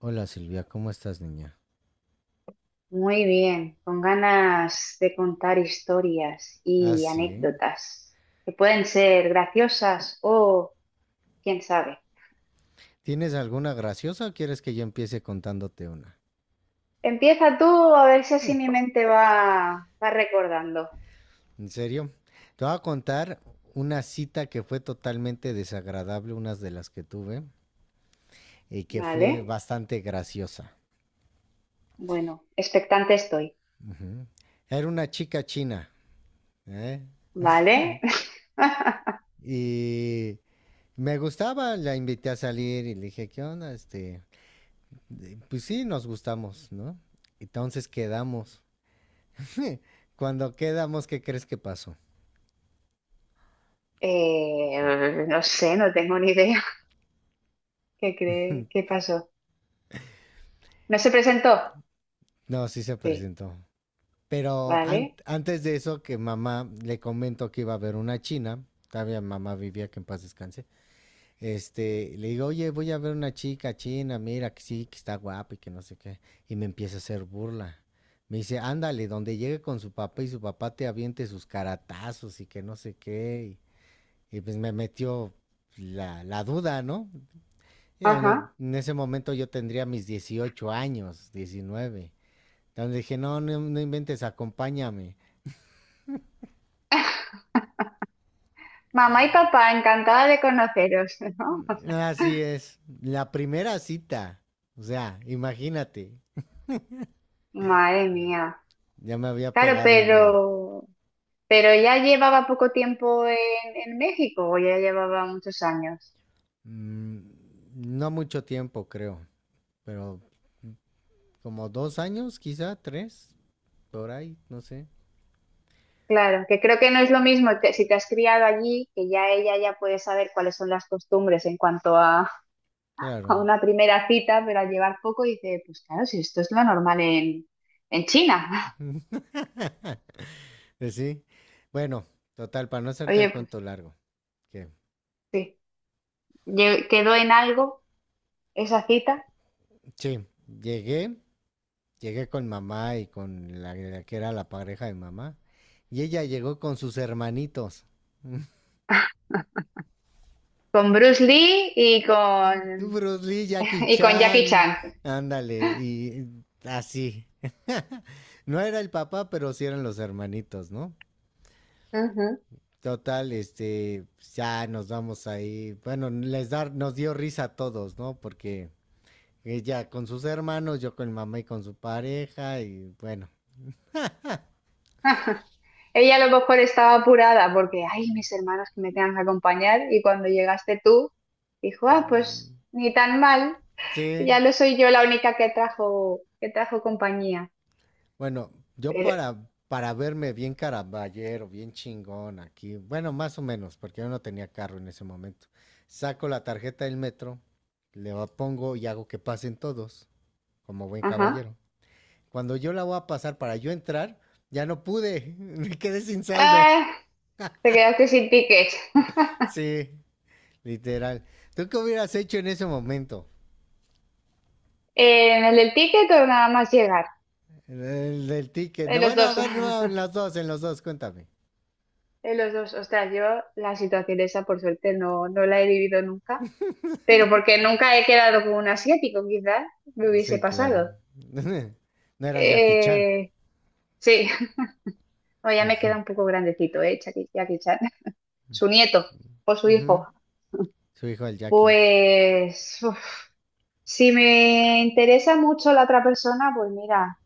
Hola Silvia, ¿cómo estás, niña? Muy bien, con ganas de contar historias Ah, y sí. anécdotas que pueden ser graciosas o quién sabe. ¿Tienes alguna graciosa o quieres que yo empiece contándote una? Empieza tú a ver si así mi mente va recordando. ¿En serio? Te voy a contar una cita que fue totalmente desagradable, unas de las que tuve, y que fue Vale, bastante graciosa. bueno, expectante estoy. Ujú. Era una chica china, ¿eh? Vale, Y me gustaba, la invité a salir y le dije, ¿qué onda? Este, pues sí, nos gustamos, ¿no? Entonces quedamos. Cuando quedamos, ¿qué crees que pasó? No sé, no tengo ni idea. ¿Qué cree? ¿Qué pasó? ¿No se presentó? No, sí se Sí, presentó. Pero vale. antes de eso, que mamá le comentó que iba a ver una china, todavía mamá vivía, que en paz descanse. Este, le digo, oye, voy a ver una chica china, mira que sí, que está guapa y que no sé qué. Y me empieza a hacer burla. Me dice, ándale, donde llegue con su papá y su papá te aviente sus caratazos y que no sé qué. Y pues me metió la duda, ¿no? Ya, no, Ajá. en ese momento yo tendría mis 18 años, 19. Entonces dije, no, no, no inventes, acompáñame. Mamá y papá, encantada de conoceros, ¿no? Así es, la primera cita. O sea, imagínate, Madre mía. ya me había Claro, pegado el miedo. pero ya llevaba poco tiempo en, México o ya llevaba muchos años. Mm, no mucho tiempo, creo, pero como 2 años, quizá 3, por ahí, no sé. Claro, que creo que no es lo mismo que si te has criado allí, que ya ella ya puede saber cuáles son las costumbres en cuanto a, a Claro. una primera cita, pero al llevar poco dice, pues claro, si esto es lo normal en China. Sí. Bueno, total, para no hacerte el Oye, cuento pues largo. Que, sí, quedó en algo esa cita sí, llegué, llegué con mamá y con la que era la pareja de mamá. Y ella llegó con sus hermanitos. con Bruce Lee y con, Bruce Lee, Jackie y con Jackie Chan, Chan. ándale, y así. No era el papá, pero sí eran los hermanitos, ¿no? Total, este, ya nos vamos ahí. Bueno, nos dio risa a todos, ¿no? Porque ella con sus hermanos, yo con mi mamá y con su pareja, y bueno, Ajá. Ella a lo mejor estaba apurada porque, ay, mis hermanos que me tengan que acompañar y cuando llegaste tú, dijo, ah, pues ni tan mal, sí. ya no soy yo la única que trajo, compañía. Bueno, yo Pero, para verme bien caraballero, bien chingón aquí, bueno, más o menos, porque yo no tenía carro en ese momento, saco la tarjeta del metro, pongo y hago que pasen todos, como buen ajá. caballero. Cuando yo la voy a pasar para yo entrar, ya no pude, me quedé sin saldo. Ah, te quedaste sin ticket. Sí, literal. ¿Tú qué hubieras hecho en ese momento? ¿En el del ticket o nada más llegar? El del ticket. En No, los bueno, a dos. ver, no, en los dos, cuéntame. En los dos. Ostras, yo la situación esa por suerte no la he vivido nunca, pero porque nunca he quedado con un asiático, quizás me hubiese Sí, claro. pasado. No era Jackie Chan. Eh, sí. No, ya me queda un poco grandecito, ¿eh? Jackie, Jackie Chan. Su nieto o su Ujú. hijo. Su hijo el Jackie. Pues, uf, si me interesa mucho la otra persona, pues mira,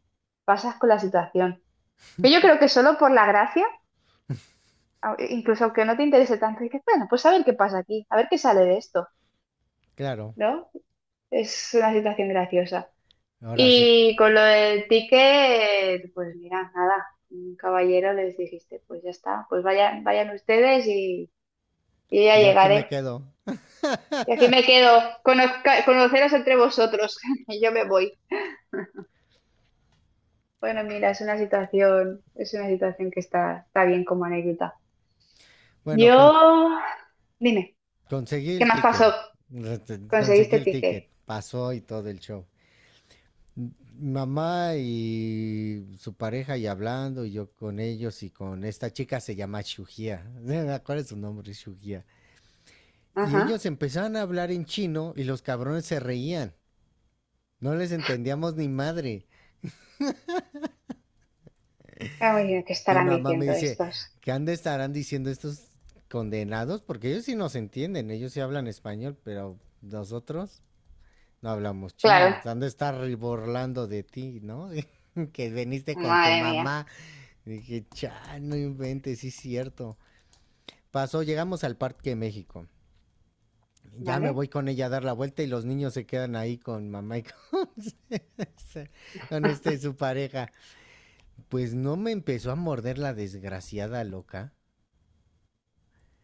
pasas con la situación. Pero yo creo que solo por la gracia, incluso aunque no te interese tanto, dices, bueno, pues a ver qué pasa aquí, a ver qué sale de esto, Claro. ¿no? Es una situación graciosa. Ahora sí, Y con lo del ticket, pues mira, nada, un caballero les dijiste, pues ya está, pues vayan, vayan ustedes y ya yo aquí me llegaré. quedo. Y aquí me quedo, conoceros entre vosotros y yo me voy. Bueno, mira, es una situación que está bien como anécdota. Bueno, Yo, dime, conseguí ¿qué el más ticket. pasó? Conseguí ¿Conseguiste el ticket? ticket. Pasó y todo el show. M- Mamá y su pareja y hablando, y yo con ellos y con esta chica se llama Shugia. ¿Cuál es su nombre? Shugia. Y Ajá. ellos empezaron a hablar en chino y los cabrones se reían. No les entendíamos ni madre. Ah, muy bien, ¿qué Mi estarán mamá me diciendo dice, estos? ¿qué han de estarán diciendo estos condenados? Porque ellos sí nos entienden, ellos sí hablan español, pero nosotros no hablamos Claro, chino. Han de estar burlando de ti, ¿no? Que veniste con tu madre mía, mamá. Y dije, cha, no inventes, sí es cierto. Pasó, llegamos al Parque de México. Ya me ¿vale? voy con ella a dar la vuelta y los niños se quedan ahí con mamá y con, con este su pareja. Pues no me empezó a morder la desgraciada loca.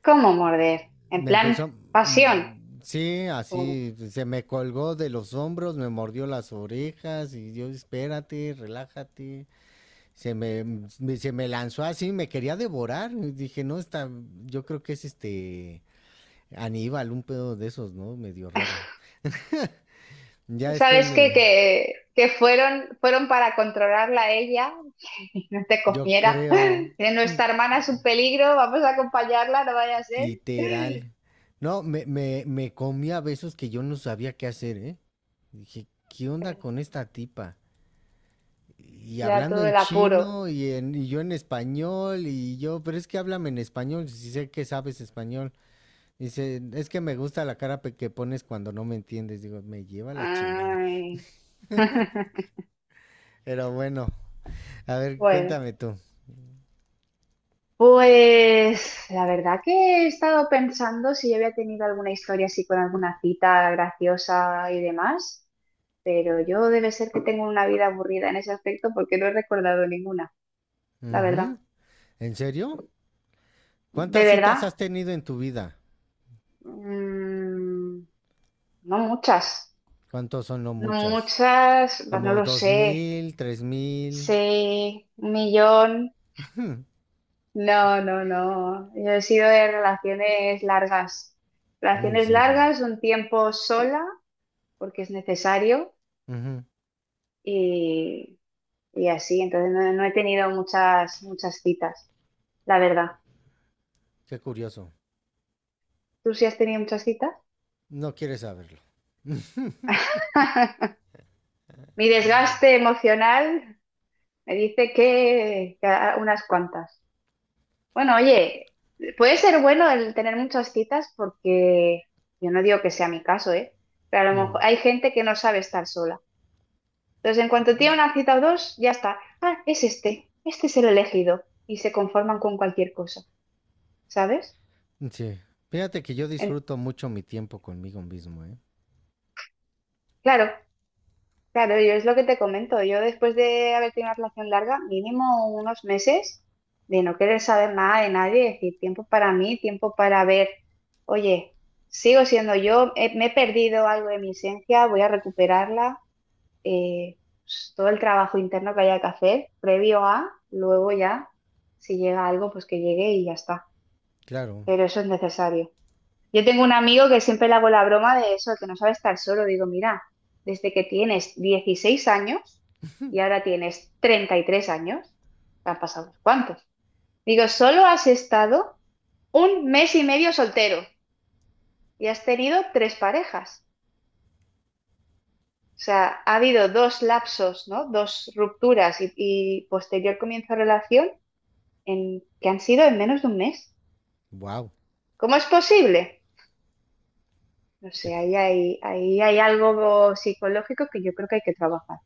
¿Cómo morder? En Me plan, empezó, pasión. Sí, así, se me colgó de los hombros, me mordió las orejas y yo, espérate, relájate. Se me, Se me lanzó así, me quería devorar. Y dije, no, está, yo creo que es este Aníbal, un pedo de esos, ¿no? Medio raro. Ya después ¿Sabes qué? me, Que fueron para controlarla a ella no te yo comiera. creo, Que nuestra hermana es un peligro, vamos a acompañarla, no vaya a ser. literal. No, me comí a besos que yo no sabía qué hacer, ¿eh? Dije, ¿qué onda con esta tipa? Y Le da hablando todo en el apuro. chino y yo en español y yo, pero es que háblame en español, si sé que sabes español. Dice, es que me gusta la cara que pones cuando no me entiendes. Digo, me lleva la chingada. Ay. Pero bueno, a ver, Bueno, cuéntame tú. pues la verdad que he estado pensando si yo había tenido alguna historia así con alguna cita graciosa y demás, pero yo debe ser que tengo una vida aburrida en ese aspecto porque no he recordado ninguna, la verdad. Ujú. ¿En serio? De ¿Cuántas citas verdad, has tenido en tu vida? mm, no muchas. ¿Cuántos son no No muchas? muchas, pues no ¿Como lo dos sé. mil, 3000? Sé un millón. No, no, no. Yo he sido de relaciones largas. ¿En Relaciones serio? largas, un tiempo sola, porque es necesario, Ujú. y, y así. Entonces no, no he tenido muchas, muchas citas, la verdad. Qué curioso. ¿Tú sí has tenido muchas citas? No quieres saberlo. Mi desgaste emocional me dice que, que unas cuantas. Bueno, oye, puede ser bueno el tener muchas citas porque yo no digo que sea mi caso, ¿eh? Pero a lo mejor Ujú. hay gente que no sabe estar sola. Entonces, en cuanto tiene una cita o dos, ya está. Ah, es este, este es el elegido. Y se conforman con cualquier cosa, ¿sabes? Sí. Fíjate que yo En- disfruto mucho mi tiempo conmigo mismo, ¿eh? claro, claro, yo es lo que te comento. Yo después de haber tenido una relación larga, mínimo unos meses de no querer saber nada de nadie, es decir, tiempo para mí, tiempo para ver, oye, sigo siendo yo, me he perdido algo de mi esencia, voy a recuperarla, eh, pues, todo el trabajo interno que haya que hacer, previo a, luego ya, si llega algo, pues que llegue y ya está. Claro. Pero eso es necesario. Yo tengo un amigo que siempre le hago la broma de eso, que no sabe estar solo. Digo, mira, desde que tienes 16 años y ahora tienes 33 años, te han pasado unos cuantos. Digo, solo has estado un mes y medio soltero y has tenido tres parejas. O sea, ha habido dos lapsos, ¿no? Dos rupturas y, posterior comienzo de relación que han sido en menos de un mes. Wow. ¿Cómo es posible? No que sé, t- ahí hay algo psicológico que yo creo que hay que trabajar.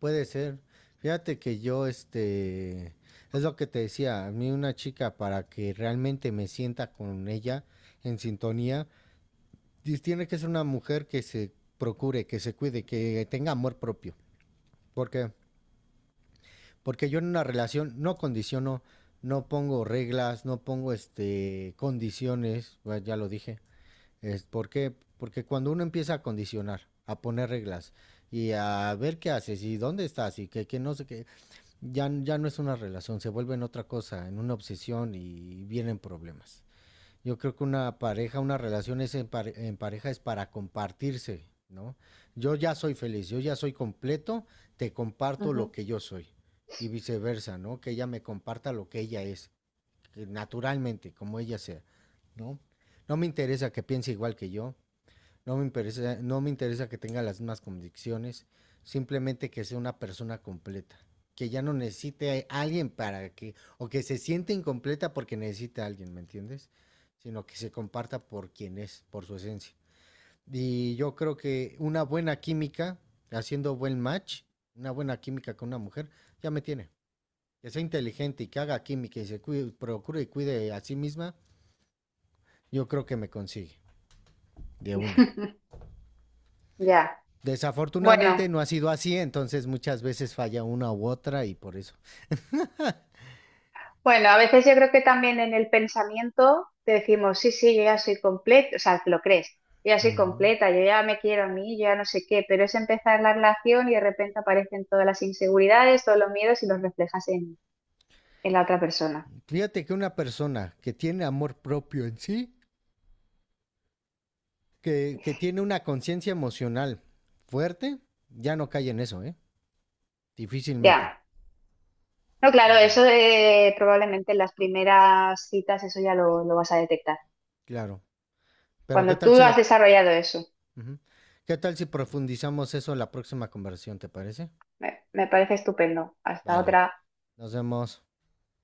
Puede ser. Fíjate que yo, este, es lo que te decía, a mí una chica para que realmente me sienta con ella en sintonía, tiene que ser una mujer que se procure, que se cuide, que tenga amor propio. Porque, porque yo en una relación no condiciono, no pongo reglas, no pongo, este, condiciones, bueno, ya lo dije. Es porque cuando uno empieza a condicionar, a poner reglas y a ver qué haces y dónde estás y que no sé qué, ya no es una relación, se vuelve en otra cosa, en una obsesión y vienen problemas. Yo creo que una pareja, una relación es en pareja es para compartirse, ¿no? Yo ya soy feliz, yo ya soy completo, te comparto lo Ujú. que yo soy y viceversa, ¿no? Que ella me comparta lo que ella es, que naturalmente, como ella sea, ¿no? No me interesa que piense igual que yo, no me interesa, no me interesa que tenga las mismas convicciones, simplemente que sea una persona completa, que ya no necesite a alguien para que, o que se siente incompleta porque necesita a alguien, ¿me entiendes? Sino que se comparta por quien es, por su esencia. Y yo creo que una buena química, haciendo buen match, una buena química con una mujer, ya me tiene. Que sea inteligente y que haga química y se cuide, procure y cuide a sí misma, yo creo que me consigue de una. Ya. Bueno, Desafortunadamente no ha sido así, entonces muchas veces falla una u otra y por eso. bueno, a veces yo creo que también en el pensamiento te decimos, sí, sí, yo ya soy completa, o sea, te lo crees, yo ya soy Ujú. completa, yo ya me quiero a mí, yo ya no sé qué, pero es empezar la relación y de repente aparecen todas las inseguridades, todos los miedos y los reflejas en, la otra persona. Fíjate que una persona que tiene amor propio en sí, que tiene una conciencia emocional fuerte, ya no cae en eso, ¿eh? Difícilmente, Ya. No, claro, eso probablemente en las primeras citas eso ya lo, vas a detectar. claro. Pero ¿qué Cuando tal tú si has lo... desarrollado eso, Ujú. ¿Qué tal si profundizamos eso en la próxima conversación, te parece? me, parece estupendo. Hasta Vale, otra. nos vemos.